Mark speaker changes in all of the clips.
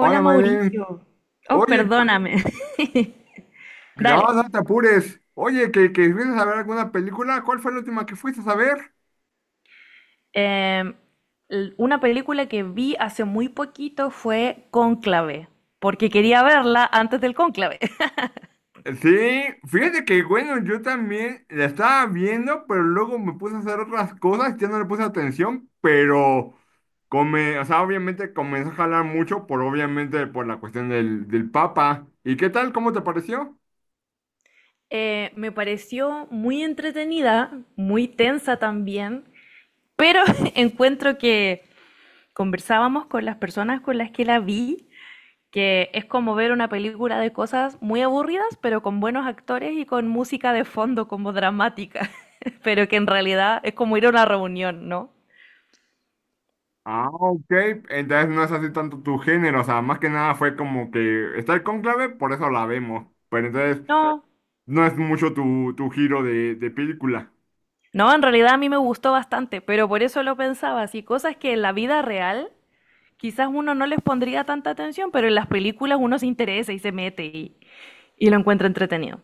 Speaker 1: Hola, Maylene.
Speaker 2: Mauricio. Oh,
Speaker 1: Oye,
Speaker 2: perdóname. Dale.
Speaker 1: no, no te apures. Oye, ¿que fuiste a ver alguna película? ¿Cuál fue la última que fuiste a ver?
Speaker 2: Em, una película que vi hace muy poquito fue Cónclave, porque quería verla antes del cónclave.
Speaker 1: Sí, fíjate que bueno, yo también la estaba viendo, pero luego me puse a hacer otras cosas, ya no le puse atención, pero come, o sea, obviamente comenzó a jalar mucho por obviamente por la cuestión del Papa. ¿Y qué tal? ¿Cómo te pareció?
Speaker 2: Me pareció muy entretenida, muy tensa también, pero encuentro que conversábamos con las personas con las que la vi, que es como ver una película de cosas muy aburridas, pero con buenos actores y con música de fondo como dramática, pero que en realidad es como ir a una reunión, ¿no?
Speaker 1: Ah, ok, entonces no es así tanto tu género, o sea, más que nada fue como que está el cónclave, por eso la vemos. Pero entonces,
Speaker 2: No,
Speaker 1: no es mucho tu giro de película.
Speaker 2: no, en realidad a mí me gustó bastante, pero por eso lo pensaba, así cosas que en la vida real quizás uno no les pondría tanta atención, pero en las películas uno se interesa y se mete y lo encuentra entretenido.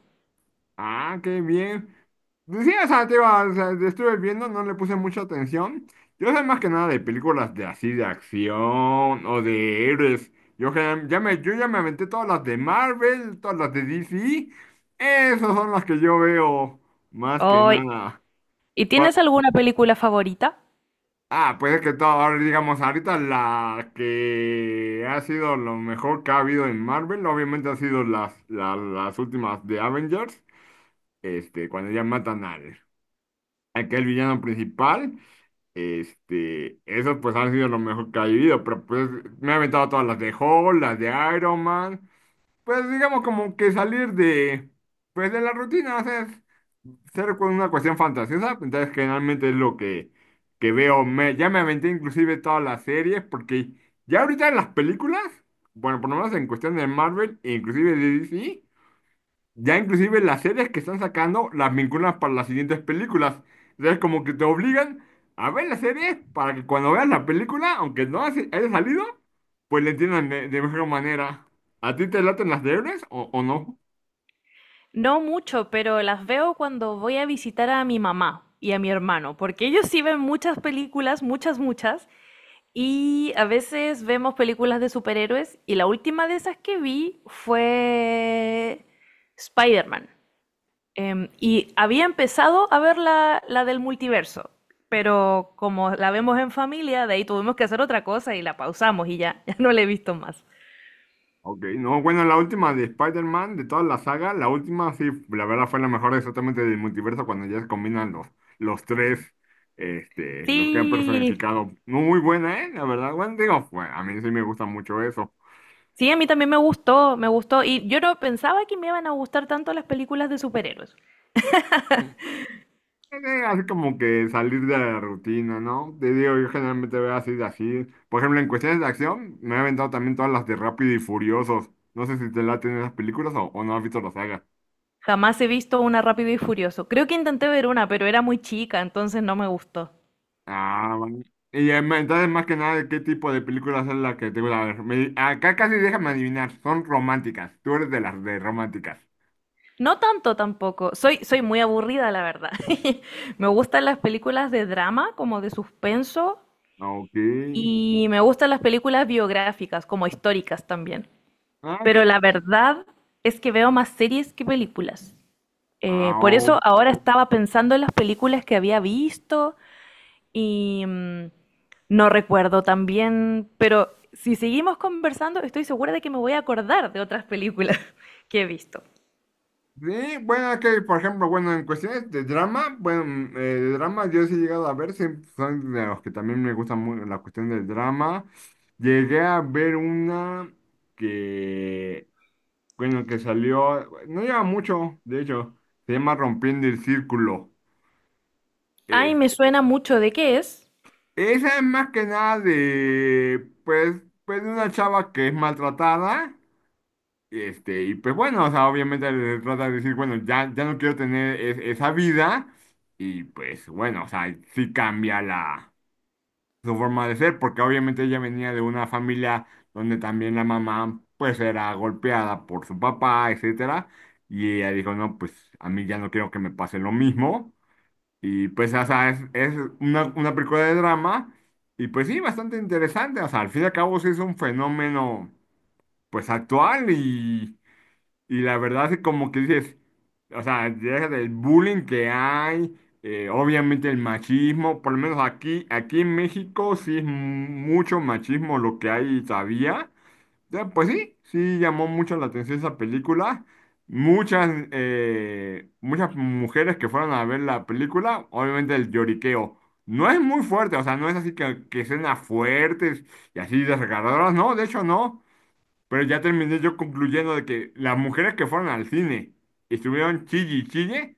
Speaker 1: Ah, qué bien. Pues sí, o sea, te iba, o sea, estuve viendo, no le puse mucha atención. Yo sé más que nada de películas de así, de acción o de héroes. Yo ya me aventé todas las de Marvel, todas las de DC. Esas son las que yo veo más que
Speaker 2: Hoy,
Speaker 1: nada.
Speaker 2: ¿y tienes alguna película favorita?
Speaker 1: Ah, pues es que todo, ahora digamos, ahorita la que ha sido lo mejor que ha habido en Marvel, obviamente ha sido las últimas de Avengers, cuando ya matan aquel villano principal, esos pues han sido lo mejor que ha habido, pero pues me he aventado todas las de Hulk, las de Iron Man, pues digamos como que salir pues de la rutina, ser con una cuestión fantasiosa, entonces generalmente es lo que veo. Ya me aventé inclusive todas las series, porque ya ahorita en las películas, bueno, por lo menos en cuestión de Marvel e inclusive de DC, ya inclusive las series que están sacando las vinculan para las siguientes películas. Entonces como que te obligan a ver las series para que cuando veas la película, aunque no haya salido, pues le entiendan de mejor manera. ¿A ti te laten las de héroes o no?
Speaker 2: No mucho, pero las veo cuando voy a visitar a mi mamá y a mi hermano, porque ellos sí ven muchas películas, muchas, muchas, y a veces vemos películas de superhéroes, y la última de esas que vi fue Spider-Man. Y había empezado a ver la del multiverso, pero como la vemos en familia, de ahí tuvimos que hacer otra cosa y la pausamos y ya, ya no la he visto más.
Speaker 1: Ok, no, bueno, la última de Spider-Man, de toda la saga, la última sí, la verdad fue la mejor exactamente del multiverso cuando ya se combinan los tres, los que han
Speaker 2: Sí,
Speaker 1: personificado. No, muy buena, ¿eh? La verdad, bueno, digo, a mí sí me gusta mucho eso.
Speaker 2: sí, a mí también me gustó, me gustó. Y yo no pensaba que me iban a gustar tanto las películas de superhéroes.
Speaker 1: Eh, Así como que salir de la rutina, ¿no? Te digo, yo generalmente veo así de así. Por ejemplo, en cuestiones de acción, me he aventado también todas las de Rápido y Furiosos. No sé si te laten esas películas o no has visto la saga.
Speaker 2: Jamás he visto una Rápido y Furioso. Creo que intenté ver una, pero era muy chica, entonces no me gustó.
Speaker 1: Ah, bueno. Y entonces, más que nada, ¿qué tipo de películas es la que te gusta ver? Acá casi déjame adivinar, son románticas. Tú eres de las de románticas.
Speaker 2: No tanto tampoco. Soy muy aburrida, la verdad. Me gustan las películas de drama, como de suspenso,
Speaker 1: Ah, ok.
Speaker 2: y me gustan las películas biográficas, como históricas también.
Speaker 1: Ah,
Speaker 2: Pero la
Speaker 1: ok.
Speaker 2: verdad es que veo más series que películas.
Speaker 1: Ah,
Speaker 2: Por
Speaker 1: ok.
Speaker 2: eso ahora estaba pensando en las películas que había visto. Y no recuerdo también, pero si seguimos conversando, estoy segura de que me voy a acordar de otras películas que he visto.
Speaker 1: Sí, bueno, es que, por ejemplo, bueno, en cuestiones de drama, bueno, de drama yo sí he llegado a ver, sí, son de los que también me gusta muy la cuestión del drama. Llegué a ver una que, bueno, que salió, no lleva mucho, de hecho, se llama Rompiendo el Círculo.
Speaker 2: Ay,
Speaker 1: Eh,
Speaker 2: me suena mucho de qué es.
Speaker 1: Esa es más que nada de, pues, pues de una chava que es maltratada, y pues bueno, o sea, obviamente le trata de decir, bueno, ya, ya no quiero tener esa vida, y pues bueno, o sea, sí cambia su forma de ser, porque obviamente ella venía de una familia donde también la mamá, pues, era golpeada por su papá, etcétera, y ella dijo, no, pues, a mí ya no quiero que me pase lo mismo, y pues, o sea, es una película de drama y pues sí, bastante interesante. O sea, al fin y al cabo sí es un fenómeno pues actual y la verdad es como que dices, o sea, deja del bullying que hay, obviamente el machismo, por lo menos aquí en México sí es mucho machismo lo que hay todavía. Pues sí, sí llamó mucho la atención esa película. Muchas mujeres que fueron a ver la película, obviamente el lloriqueo. No es muy fuerte, o sea, no es así que escenas fuertes y así desgarradoras, no, de hecho no. Pero ya terminé yo concluyendo de que las mujeres que fueron al cine y estuvieron chille y chille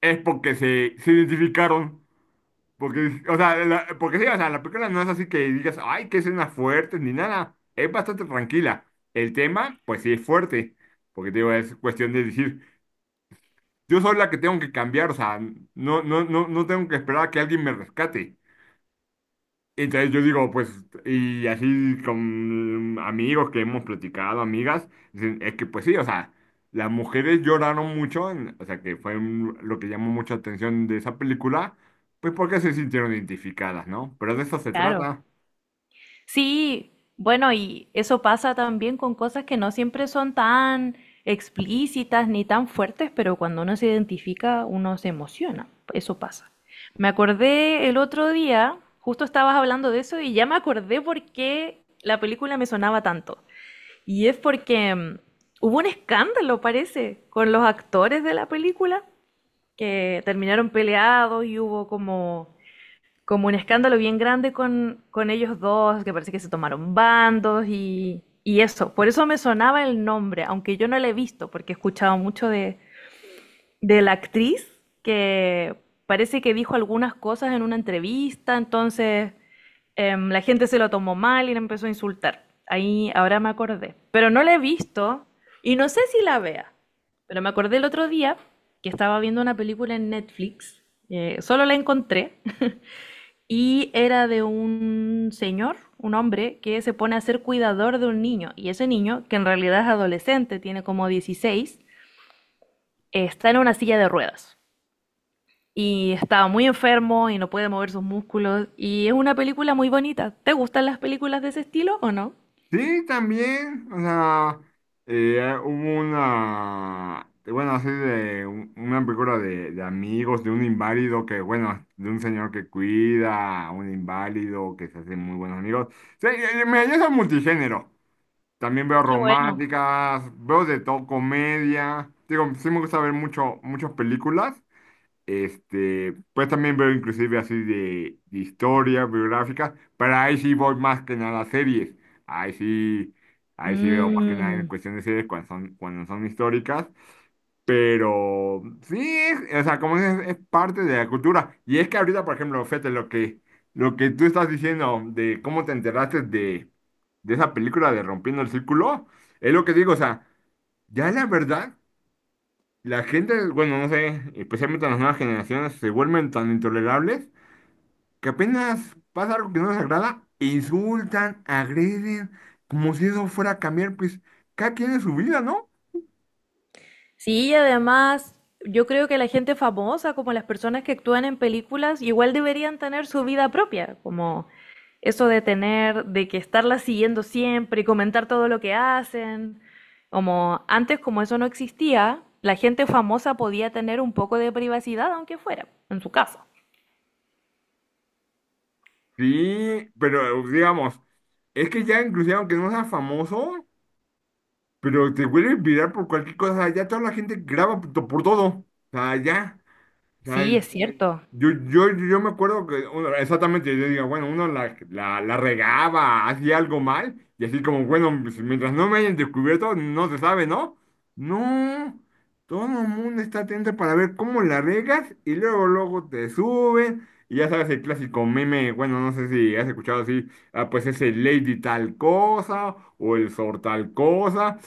Speaker 1: es porque se identificaron. Porque, o sea, porque sí, o sea, la película no es así que digas, ay, que escena fuerte, ni nada. Es bastante tranquila. El tema, pues sí es fuerte. Porque te digo, es cuestión de decir, yo soy la que tengo que cambiar, o sea, no, no, no, no tengo que esperar a que alguien me rescate. Entonces yo digo, pues, y así con amigos que hemos platicado, amigas, dicen, es que pues sí, o sea, las mujeres lloraron mucho, o sea, que lo que llamó mucha atención de esa película, pues porque se sintieron identificadas, ¿no? Pero de eso se
Speaker 2: Claro.
Speaker 1: trata.
Speaker 2: Sí, bueno, y eso pasa también con cosas que no siempre son tan explícitas ni tan fuertes, pero cuando uno se identifica, uno se emociona. Eso pasa. Me acordé el otro día, justo estabas hablando de eso y ya me acordé por qué la película me sonaba tanto. Y es porque hubo un escándalo, parece, con los actores de la película, que terminaron peleados y hubo como, como un escándalo bien grande con ellos dos, que parece que se tomaron bandos y eso. Por eso me sonaba el nombre, aunque yo no la he visto, porque he escuchado mucho de la actriz que parece que dijo algunas cosas en una entrevista, entonces la gente se lo tomó mal y la empezó a insultar. Ahí, ahora me acordé. Pero no la he visto y no sé si la vea. Pero me acordé el otro día que estaba viendo una película en Netflix. Solo la encontré. Y era de un señor, un hombre, que se pone a ser cuidador de un niño. Y ese niño, que en realidad es adolescente, tiene como 16, está en una silla de ruedas. Y está muy enfermo y no puede mover sus músculos. Y es una película muy bonita. ¿Te gustan las películas de ese estilo o no?
Speaker 1: Sí, también, o sea, hubo una, bueno, así de una película de amigos, de un inválido que, bueno, de un señor que cuida a un inválido que se hace muy buenos amigos. Sí, mira, yo soy multigénero. También veo
Speaker 2: Qué bueno.
Speaker 1: románticas, veo de todo, comedia. Digo, sí me gusta ver mucho, muchas películas. Pues también veo inclusive así de historia, biográfica, pero ahí sí voy más que nada a series. Ahí sí, ahí sí veo más que nada en
Speaker 2: Mm.
Speaker 1: cuestión de series cuando son históricas. Pero sí, o sea, como dices, es parte de la cultura. Y es que ahorita, por ejemplo, fíjate lo que tú estás diciendo de cómo te enteraste de esa película de Rompiendo el Círculo, es lo que digo, o sea, ya la verdad. La gente, bueno, no sé, especialmente las nuevas generaciones, se vuelven tan intolerables que apenas pasa algo que no les agrada, insultan, agreden, como si eso fuera a cambiar, pues cada quien en su vida, ¿no?
Speaker 2: Sí, y además, yo creo que la gente famosa, como las personas que actúan en películas, igual deberían tener su vida propia, como eso de tener, de que estarla siguiendo siempre y comentar todo lo que hacen. Como antes, como eso no existía, la gente famosa podía tener un poco de privacidad, aunque fuera en su casa.
Speaker 1: Sí, pero digamos, es que ya inclusive aunque no seas famoso, pero te vuelves viral por cualquier cosa, ya toda la gente graba por todo, o sea, ya, o sea,
Speaker 2: Sí, es cierto.
Speaker 1: Yo me acuerdo que bueno, exactamente, yo digo, bueno, uno la regaba, hacía algo mal, y así como, bueno, pues, mientras no me hayan descubierto, no se sabe, ¿no? No, todo el mundo está atento para ver cómo la regas, y luego, luego te suben, y ya sabes el clásico meme, bueno, no sé si has escuchado así, ah, pues ese Lady tal cosa, o el Sor tal cosa,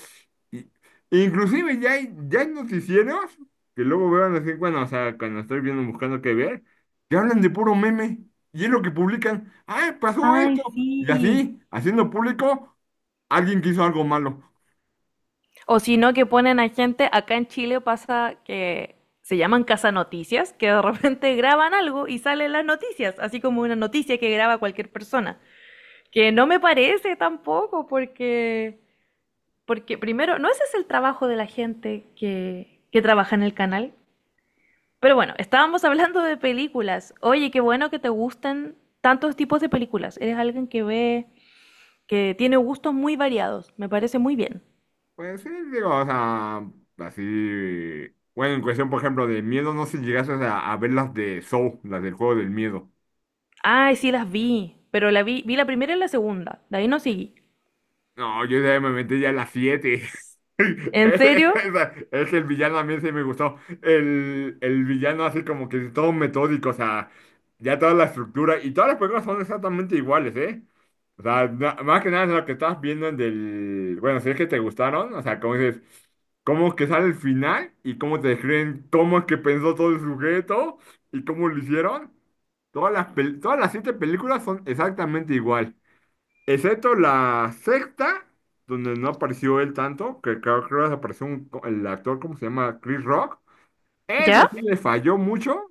Speaker 1: I- Inclusive ya hay noticieros que luego vean así bueno, o sea, cuando estoy viendo buscando qué ver, que hablan de puro meme y es lo que publican. ¡Ay, pasó
Speaker 2: Ay,
Speaker 1: esto! Y
Speaker 2: sí.
Speaker 1: así, haciendo público, alguien que hizo algo malo.
Speaker 2: O si no, que ponen a gente, acá en Chile pasa que se llaman Casa Noticias, que de repente graban algo y salen las noticias, así como una noticia que graba cualquier persona. Que no me parece tampoco, porque, porque primero, no ese es el trabajo de la gente que trabaja en el canal. Pero bueno, estábamos hablando de películas. Oye, qué bueno que te gusten tantos tipos de películas. Eres alguien que ve, que tiene gustos muy variados. Me parece muy bien.
Speaker 1: Pues sí, digo, o sea, así. Bueno, en cuestión, por ejemplo, de miedo, no sé si llegaste a ver las de Saw, las del juego del miedo.
Speaker 2: Ay, sí las vi, pero vi la primera y la segunda, de ahí no seguí.
Speaker 1: No, yo ya me metí ya a las 7
Speaker 2: ¿En serio?
Speaker 1: Es que el villano a mí sí me gustó. El villano así como que todo metódico, o sea, ya toda la estructura y todas las películas son exactamente iguales, ¿eh? O sea, más que nada es lo que estás viendo en del. Bueno, si es que te gustaron, o sea, como dices, cómo es que sale el final y cómo te describen cómo es que pensó todo el sujeto y cómo lo hicieron. Todas las siete películas son exactamente igual. Excepto la sexta, donde no apareció él tanto, que creo que apareció el actor, ¿cómo se llama? Chris Rock.
Speaker 2: ¿Ya?
Speaker 1: Esa sí le falló mucho.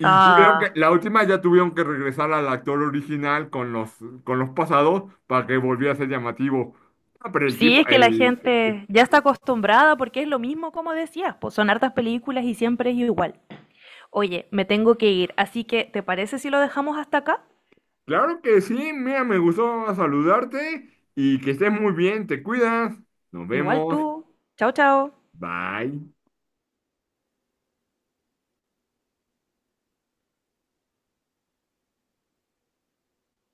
Speaker 1: Y tuvieron
Speaker 2: Ah,
Speaker 1: la última ya tuvieron que regresar al actor original con los pasados para que volviera a ser llamativo. Ah, pero el
Speaker 2: sí,
Speaker 1: tipo.
Speaker 2: es que la gente ya está acostumbrada porque es lo mismo como decías, pues son hartas películas y siempre es igual. Oye, me tengo que ir, así que ¿te parece si lo dejamos hasta acá?
Speaker 1: Claro que sí, mira, me gustó saludarte y que estés muy bien, te cuidas. Nos
Speaker 2: Igual
Speaker 1: vemos.
Speaker 2: tú. Chao, chao.
Speaker 1: Bye.